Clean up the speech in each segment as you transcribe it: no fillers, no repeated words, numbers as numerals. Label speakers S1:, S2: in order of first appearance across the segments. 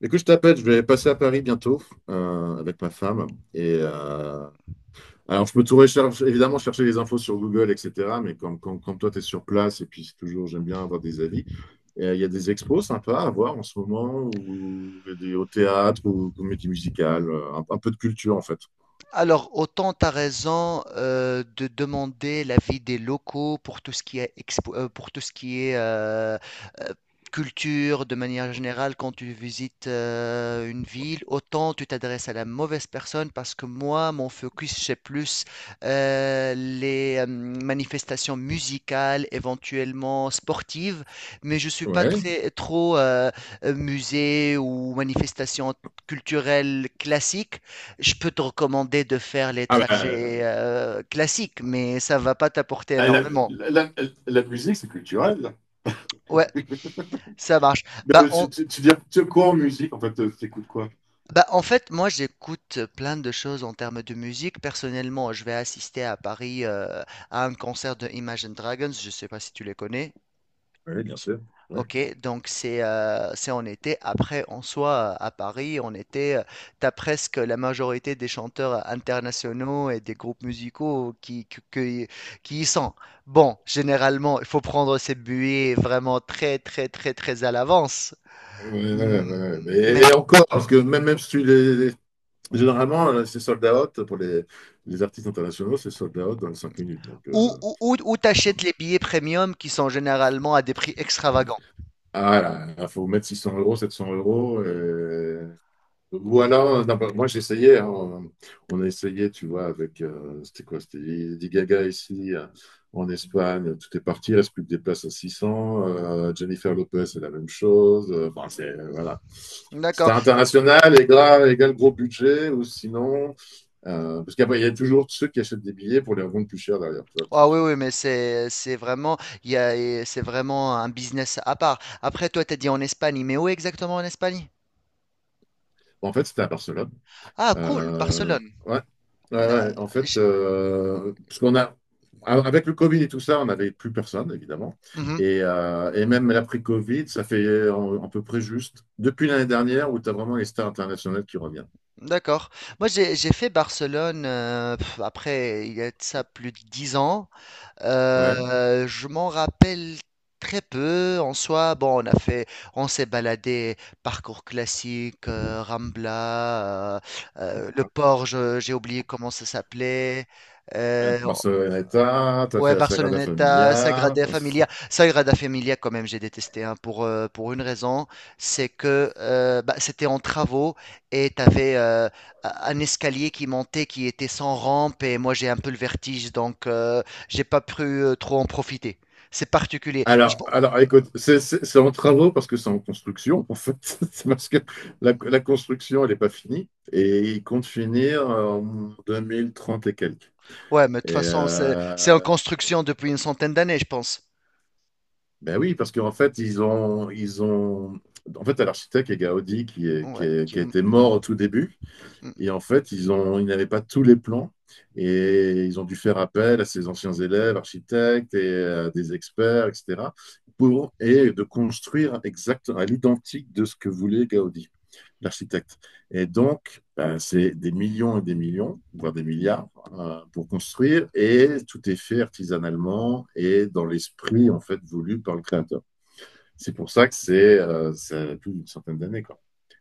S1: Écoute, je t'appelle, je vais passer à Paris bientôt avec ma femme. Et alors, je peux tout rechercher, évidemment, chercher les infos sur Google, etc. Mais quand toi, tu es sur place, et puis c'est toujours, j'aime bien avoir des avis. Il y a des expos sympas à voir en ce moment, ou des, au théâtre, ou comédie musicale, un peu de culture en fait.
S2: Alors, autant tu as raison, de demander l'avis des locaux pour tout ce qui est, pour tout ce qui est euh, culture de manière générale quand tu visites une ville, autant tu t'adresses à la mauvaise personne parce que moi, mon focus, c'est plus les manifestations musicales, éventuellement sportives, mais je suis pas
S1: Ouais.
S2: très, trop musée ou manifestation culturelle classique. Je peux te recommander de faire les
S1: Ah bah,
S2: trajets classiques, mais ça va pas t'apporter
S1: la, la-
S2: énormément.
S1: la- la musique, c'est culturel.
S2: Ouais, ça marche.
S1: Mais
S2: Bah,
S1: tu dis tu quoi en musique, en fait, t'écoutes quoi?
S2: bah, en fait, moi, j'écoute plein de choses en termes de musique. Personnellement, je vais assister à Paris à un concert de Imagine Dragons. Je sais pas si tu les connais.
S1: Oui, bien sûr. Oui.
S2: Ok, donc c'est en été. Après, en soi, à Paris, en été, t'as presque la majorité des chanteurs internationaux et des groupes musicaux qui y sont. Bon, généralement, il faut prendre ces billets vraiment très, très, très, très à l'avance.
S1: Ouais, ouais,
S2: Mm,
S1: ouais.
S2: Mais
S1: Et encore, parce que même si tu les... Généralement, là, c'est sold out pour les artistes internationaux, c'est sold out dans les 5 minutes. Donc,
S2: où t'achètes les billets premium qui sont généralement à des prix extravagants?
S1: ah là, il faut mettre 600 euros, 700 euros. Voilà, non, bah, moi j'essayais, hein, on a essayé, tu vois, c'était quoi, c'était Lady Gaga ici, en Espagne, tout est parti, il reste plus que des places à 600, Jennifer Lopez, c'est la même chose, enfin, voilà. C'était
S2: D'accord.
S1: international, égal gros budget, ou sinon, parce qu'après, il y a toujours ceux qui achètent des billets pour les revendre plus cher derrière, tu vois, le
S2: Ah oui, oui,
S1: trafic.
S2: mais c'est vraiment il y a et c'est vraiment un business à part. Après, toi, t'as dit en Espagne, mais où exactement en Espagne?
S1: En fait, c'était à Barcelone.
S2: Ah, cool,
S1: Euh,
S2: Barcelone.
S1: ouais. Ouais,
S2: Euh,
S1: ouais. En fait,
S2: j'ai-
S1: parce qu'on a, avec le Covid et tout ça, on n'avait plus personne, évidemment.
S2: Mhm,
S1: Et même l'après-Covid, ça fait à peu près juste depuis l'année dernière où tu as vraiment les stars internationales qui reviennent.
S2: d'accord. Moi, j'ai fait Barcelone. Après, il y a de ça plus de 10 ans.
S1: Ouais.
S2: Je m'en rappelle très peu. En soi, bon, on a fait, on s'est baladé, parcours classique, Rambla, le port, j'ai oublié comment ça s'appelait. Euh,
S1: Barceloneta, tu as fait
S2: Ouais,
S1: la Sagrada
S2: Barceloneta,
S1: Familia.
S2: Sagrada Familia. Sagrada Familia, quand même, j'ai détesté hein, pour une raison, c'est que bah, c'était en travaux et tu avais un escalier qui montait qui était sans rampe et moi j'ai un peu le vertige donc j'ai pas pu trop en profiter. C'est particulier.
S1: Alors, alors écoute, c'est en travaux parce que c'est en construction, en fait. C'est parce que la construction, elle n'est pas finie et ils comptent finir en 2030 et quelques.
S2: Ouais, mais de
S1: Et
S2: toute façon, c'est en
S1: euh,
S2: construction depuis une centaine d'années, je pense.
S1: ben oui, parce qu'en fait, ils ont. En fait, t'as l'architecte qui est Gaudi,
S2: Ouais,
S1: qui
S2: ok.
S1: a été mort au tout début.
S2: Mm,
S1: Et en fait, ils n'avaient pas tous les plans et ils ont dû faire appel à ces anciens élèves, architectes des experts, etc., pour, et de construire exact, à l'identique de ce que voulait Gaudi, l'architecte. Et donc, ben, c'est des millions et des millions, voire des milliards, pour construire et tout est fait artisanalement et dans l'esprit, en fait, voulu par le créateur. C'est pour ça que ça a plus d'une centaine d'années, quoi,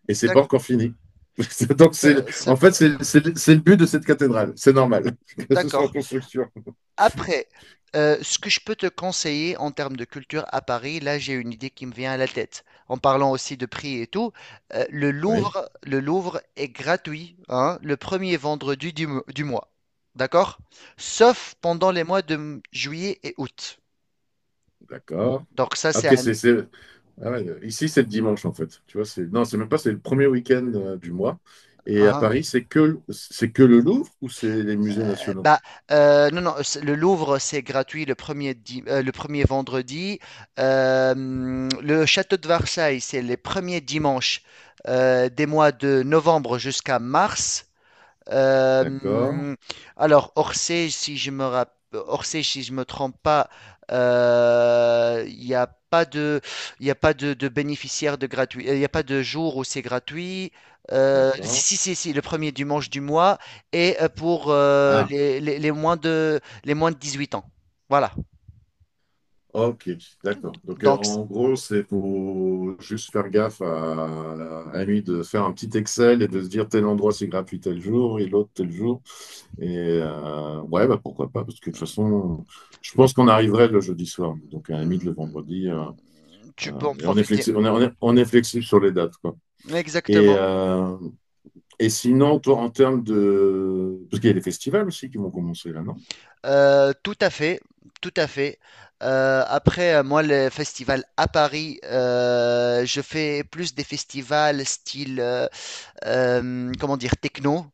S1: et c'est pas
S2: d'ac-
S1: encore fini. Donc,
S2: d'a-
S1: en
S2: c'est-
S1: fait, c'est le but de cette cathédrale. C'est normal que ce soit en
S2: d'accord.
S1: construction.
S2: Après, ce que je peux te conseiller en termes de culture à Paris, là j'ai une idée qui me vient à la tête. En parlant aussi de prix et tout,
S1: Oui,
S2: Le Louvre est gratuit, hein, le premier vendredi du mois. D'accord? Sauf pendant les mois de juillet et août.
S1: d'accord.
S2: Donc ça c'est
S1: Ok,
S2: un.
S1: ah ouais, ici, c'est le dimanche, en fait. Tu vois, non, c'est même pas, c'est le premier week-end du mois. Et à
S2: Hein,
S1: Paris, c'est que le Louvre ou c'est les musées nationaux?
S2: bah, non, non, le Louvre, c'est gratuit le premier, le premier vendredi. Le château de Versailles, c'est les premiers dimanches des mois de novembre jusqu'à mars.
S1: D'accord,
S2: Euh, alors, Orsay, si je me rapp- Orsay, si je me trompe pas, il n'y a pas de, il y a pas de bénéficiaire de gratuit, il n'y a pas de jour où c'est gratuit.
S1: d'accord.
S2: Si, si, si, si, le premier dimanche du mois et pour
S1: Ah,
S2: les moins de 18 ans. Voilà.
S1: ok, d'accord.
S2: Donc,
S1: En gros, c'est pour juste faire gaffe à lui de faire un petit Excel et de se dire tel endroit, c'est gratuit tel jour et l'autre tel jour. Ouais, bah pourquoi pas, parce que de toute façon, je pense qu'on arriverait le jeudi soir, donc à la limite le vendredi.
S2: tu peux en
S1: Et on est
S2: profiter.
S1: flexible, on est flexible sur les dates, quoi. Et,
S2: Exactement.
S1: euh, et sinon, toi, en termes de... Parce qu'il y a des festivals aussi qui vont commencer là, non?
S2: Tout à fait, tout à fait. Après, moi, le festival à Paris, je fais plus des festivals style, comment dire, techno.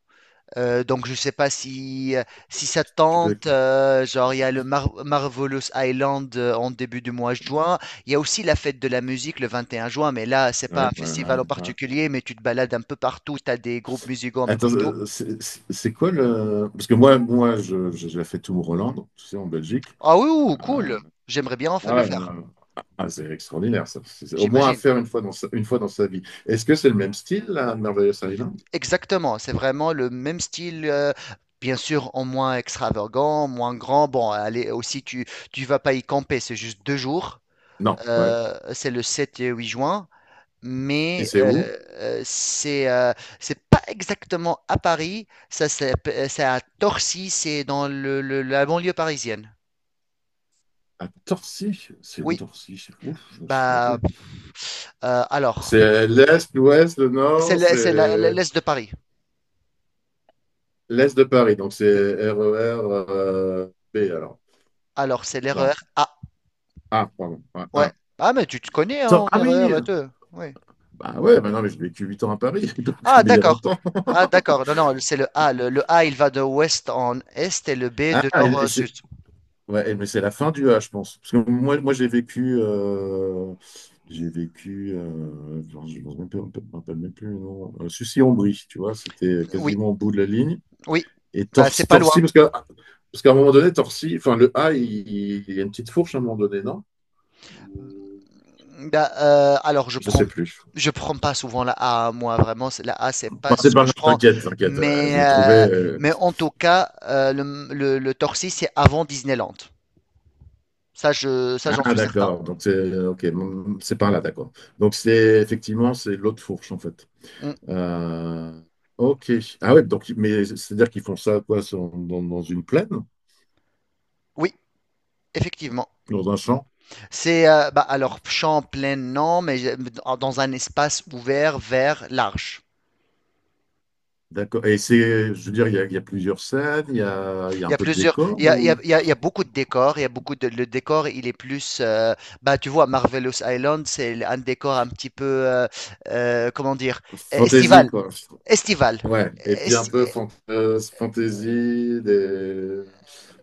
S2: Donc, je sais pas si, si ça te
S1: Tu fais-
S2: tente. Genre, il y a le Marvelous Island en début du mois de juin. Il y a aussi la fête de la musique le 21 juin, mais là, c'est pas un
S1: Ouais, ouais,
S2: festival
S1: ouais,
S2: en
S1: ouais.
S2: particulier, mais tu te balades un peu partout. Tu as des groupes musicaux un peu
S1: Attends,
S2: partout.
S1: c'est quoi le... Parce que moi j'ai fait tout Roland, tu sais, en Belgique.
S2: Ah oui, ouh,
S1: Euh,
S2: cool. J'aimerais bien
S1: Ah
S2: le
S1: ouais,
S2: faire,
S1: non, non. Ah, c'est extraordinaire, ça. C'est au moins à
S2: j'imagine.
S1: faire une fois dans sa vie. Est-ce que c'est le même style, la Marvelous Island?
S2: Exactement, c'est vraiment le même style, bien sûr en moins extravagant, moins grand. Bon, allez, aussi tu vas pas y camper, c'est juste 2 jours.
S1: Non, ouais.
S2: C'est le 7 et 8 juin,
S1: Et
S2: mais
S1: c'est où?
S2: euh, c'est euh, c'est pas exactement à Paris, ça c'est à Torcy, c'est dans la banlieue parisienne.
S1: À Torcy. C'est où
S2: Oui,
S1: Torcy? C'est fou, je ne me souviens
S2: bah
S1: plus.
S2: alors
S1: C'est l'Est, l'Ouest, le
S2: c'est
S1: Nord,
S2: le- c'est la-
S1: c'est
S2: l'est de Paris.
S1: l'Est de Paris. Donc c'est RER B alors.
S2: Alors c'est
S1: Non.
S2: l'erreur.
S1: Ah, pardon. Ouais,
S2: Ouais.
S1: ah,
S2: Ah, mais tu te connais hein, en
S1: Ah oui!
S2: erreur, toi. Oui.
S1: Bah ouais, bah non, mais j'ai vécu 8 ans à Paris, donc,
S2: Ah,
S1: mais il y a
S2: d'accord.
S1: longtemps.
S2: Ah, d'accord. Non, non, c'est le A. Le A, il va de ouest en est et le B
S1: Ah,
S2: de nord
S1: et
S2: au
S1: c'est.
S2: sud.
S1: Ouais, mais c'est la fin du A, je pense. Parce que moi j'ai vécu. Euh, j'ai vécu. Genre, je ne me rappelle je me rappelle même plus le nom. Sucy-en-Brie, tu vois, c'était
S2: Oui,
S1: quasiment au bout de la ligne.
S2: oui.
S1: Et
S2: Bah, c'est pas loin.
S1: Torcy parce qu'à un moment donné, Torcy, enfin, le A, il y a une petite fourche à un moment donné, non?
S2: Bah, alors,
S1: Je sais plus.
S2: je prends pas souvent la A, hein, moi, vraiment. La A, c'est pas
S1: Bah, c'est
S2: ce
S1: pas
S2: que
S1: grave,
S2: je prends.
S1: t'inquiète, t'inquiète. Je
S2: Mais,
S1: vais trouver.
S2: euh, mais en tout cas, le Torcy, c'est avant Disneyland. Ça, ça, j'en
S1: Ah,
S2: suis certain.
S1: d'accord. Donc, c'est OK. C'est par là, d'accord. Donc, c'est l'autre fourche, en fait.
S2: Mm.
S1: Euh, ok. Ah ouais, donc, mais c'est-à-dire qu'ils font ça quoi, dans une plaine,
S2: Oui, effectivement.
S1: dans un champ?
S2: C'est bah, alors champ plein non, mais dans un espace ouvert, vert, large.
S1: D'accord. Et je veux dire, il y a plusieurs scènes, il y a
S2: Il
S1: un
S2: y a
S1: peu de
S2: plusieurs,
S1: décor
S2: il y a, il y a-
S1: ou
S2: il y a- Il y a beaucoup de décors. Il y a beaucoup de, Le décor, il est plus, bah tu vois, Marvelous Island, c'est un décor un petit peu, comment dire,
S1: fantasy,
S2: estival,
S1: quoi.
S2: estival.
S1: Ouais. Et puis un
S2: Esti-
S1: peu fantasy, des...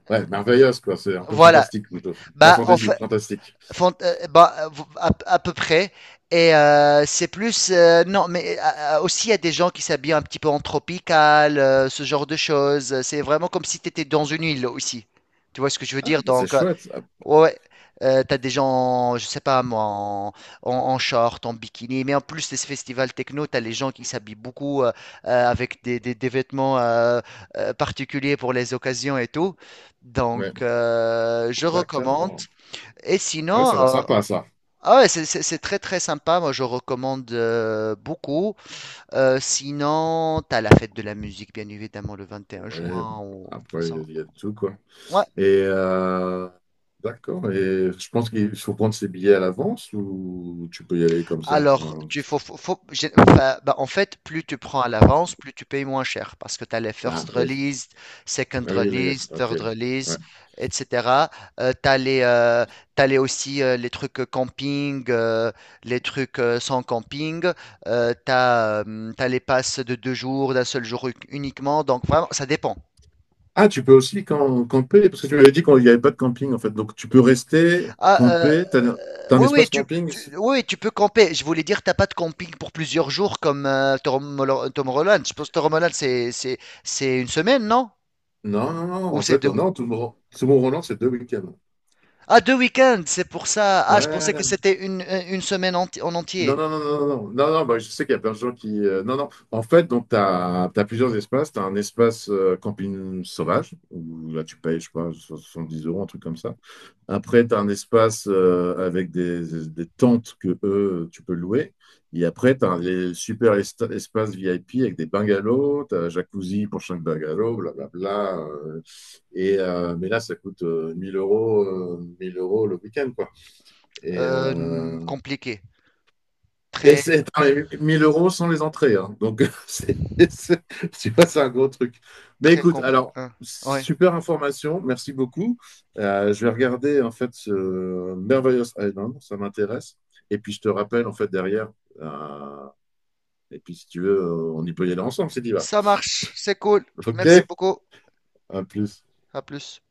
S1: Ouais, merveilleuse, quoi. C'est un peu
S2: voilà.
S1: fantastique, plutôt. Pas
S2: Bah en
S1: fantasy,
S2: fait,
S1: fantastique.
S2: Bah, à peu près. Et c'est plus. Non, mais aussi, il y a des gens qui s'habillent un petit peu en tropical, ce genre de choses. C'est vraiment comme si tu étais dans une île aussi. Tu vois ce que je veux
S1: Ah,
S2: dire?
S1: bah c'est
S2: Donc,
S1: chouette. Ah,
S2: ouais, t'as des gens, je sais pas moi, en, en short, en bikini. Mais en plus de ce festival techno, t'as les gens qui s'habillent beaucoup avec des vêtements particuliers pour les occasions et tout. Donc,
S1: ouais,
S2: je recommande.
S1: d'accord.
S2: Et
S1: Ouais,
S2: sinon,
S1: ça a l'air sympa, ça.
S2: ah ouais, c'est très très sympa, moi je recommande beaucoup. Sinon, t'as la fête de la musique, bien évidemment, le vingt et un
S1: Ouais,
S2: juin. Ou. De toute
S1: après,
S2: façon.
S1: il y a de tout, quoi. Et euh, d'accord. Et je pense qu'il faut prendre ses billets à l'avance ou tu peux y aller comme ça.
S2: Alors,
S1: Enfin,
S2: tu faut, faut- faut- j'ai- enfin, ben, en fait, plus tu prends à l'avance, plus tu payes moins cher parce que tu as les first
S1: ah oui.
S2: release, second
S1: Ah oui, oui, oui.
S2: release,
S1: Ok.
S2: third
S1: Ouais.
S2: release, etc. tu as les, euh, t'as les aussi les trucs camping, les trucs sans camping. Tu as, les passes de 2 jours, d'un seul jour uniquement. Donc, vraiment, ça dépend.
S1: Ah, tu peux aussi camper, parce que tu m'avais dit qu'il n'y avait pas de camping en fait. Donc tu peux rester,
S2: Ah, euh,
S1: camper. T'as un
S2: Oui, oui,
S1: espace camping?
S2: oui, tu peux camper. Je voulais dire, t'as pas de camping pour plusieurs jours comme Tom Holland. Tom Holland. Je pense que Tom Holland, c'est une semaine, non?
S1: Non, non, non.
S2: Ou
S1: En
S2: c'est
S1: fait,
S2: deux.
S1: non, tout le monde Roland, c'est 2 week-ends.
S2: Ah, deux week-ends, c'est pour ça. Ah, je pensais que
S1: Ouais.
S2: c'était une semaine en
S1: Non,
S2: entier.
S1: non, non, non, non, non, non, non, bah, je sais qu'il y a plein de gens qui. Non, non. En fait, donc, tu as, plusieurs espaces. Tu as un espace camping sauvage, où là, tu payes, je sais pas, 70 euros, un truc comme ça. Après, tu as un espace avec des tentes que eux, tu peux louer. Et après, tu as les super espaces VIP avec des bungalows, tu as jacuzzi pour chaque bungalow, blablabla. Mais là, ça coûte 1000 euros, 1000 € le week-end, quoi. Et, euh,
S2: Compliqué.
S1: et
S2: Très,
S1: c'est Attends, les 1000 € sont les entrées, hein. Donc, c'est- tu vois, c'est un gros truc. Mais
S2: très
S1: écoute,
S2: compliqué.
S1: alors,
S2: Ouais.
S1: super information. Merci beaucoup. Je vais regarder, en fait, ce Merveillous Island. Ça m'intéresse. Et puis, je te rappelle, en fait, derrière. euh, et puis, si tu veux, on y peut y aller ensemble, c'est dit va.
S2: Ça marche, c'est cool. Merci
S1: OK,
S2: beaucoup.
S1: à plus.
S2: À plus.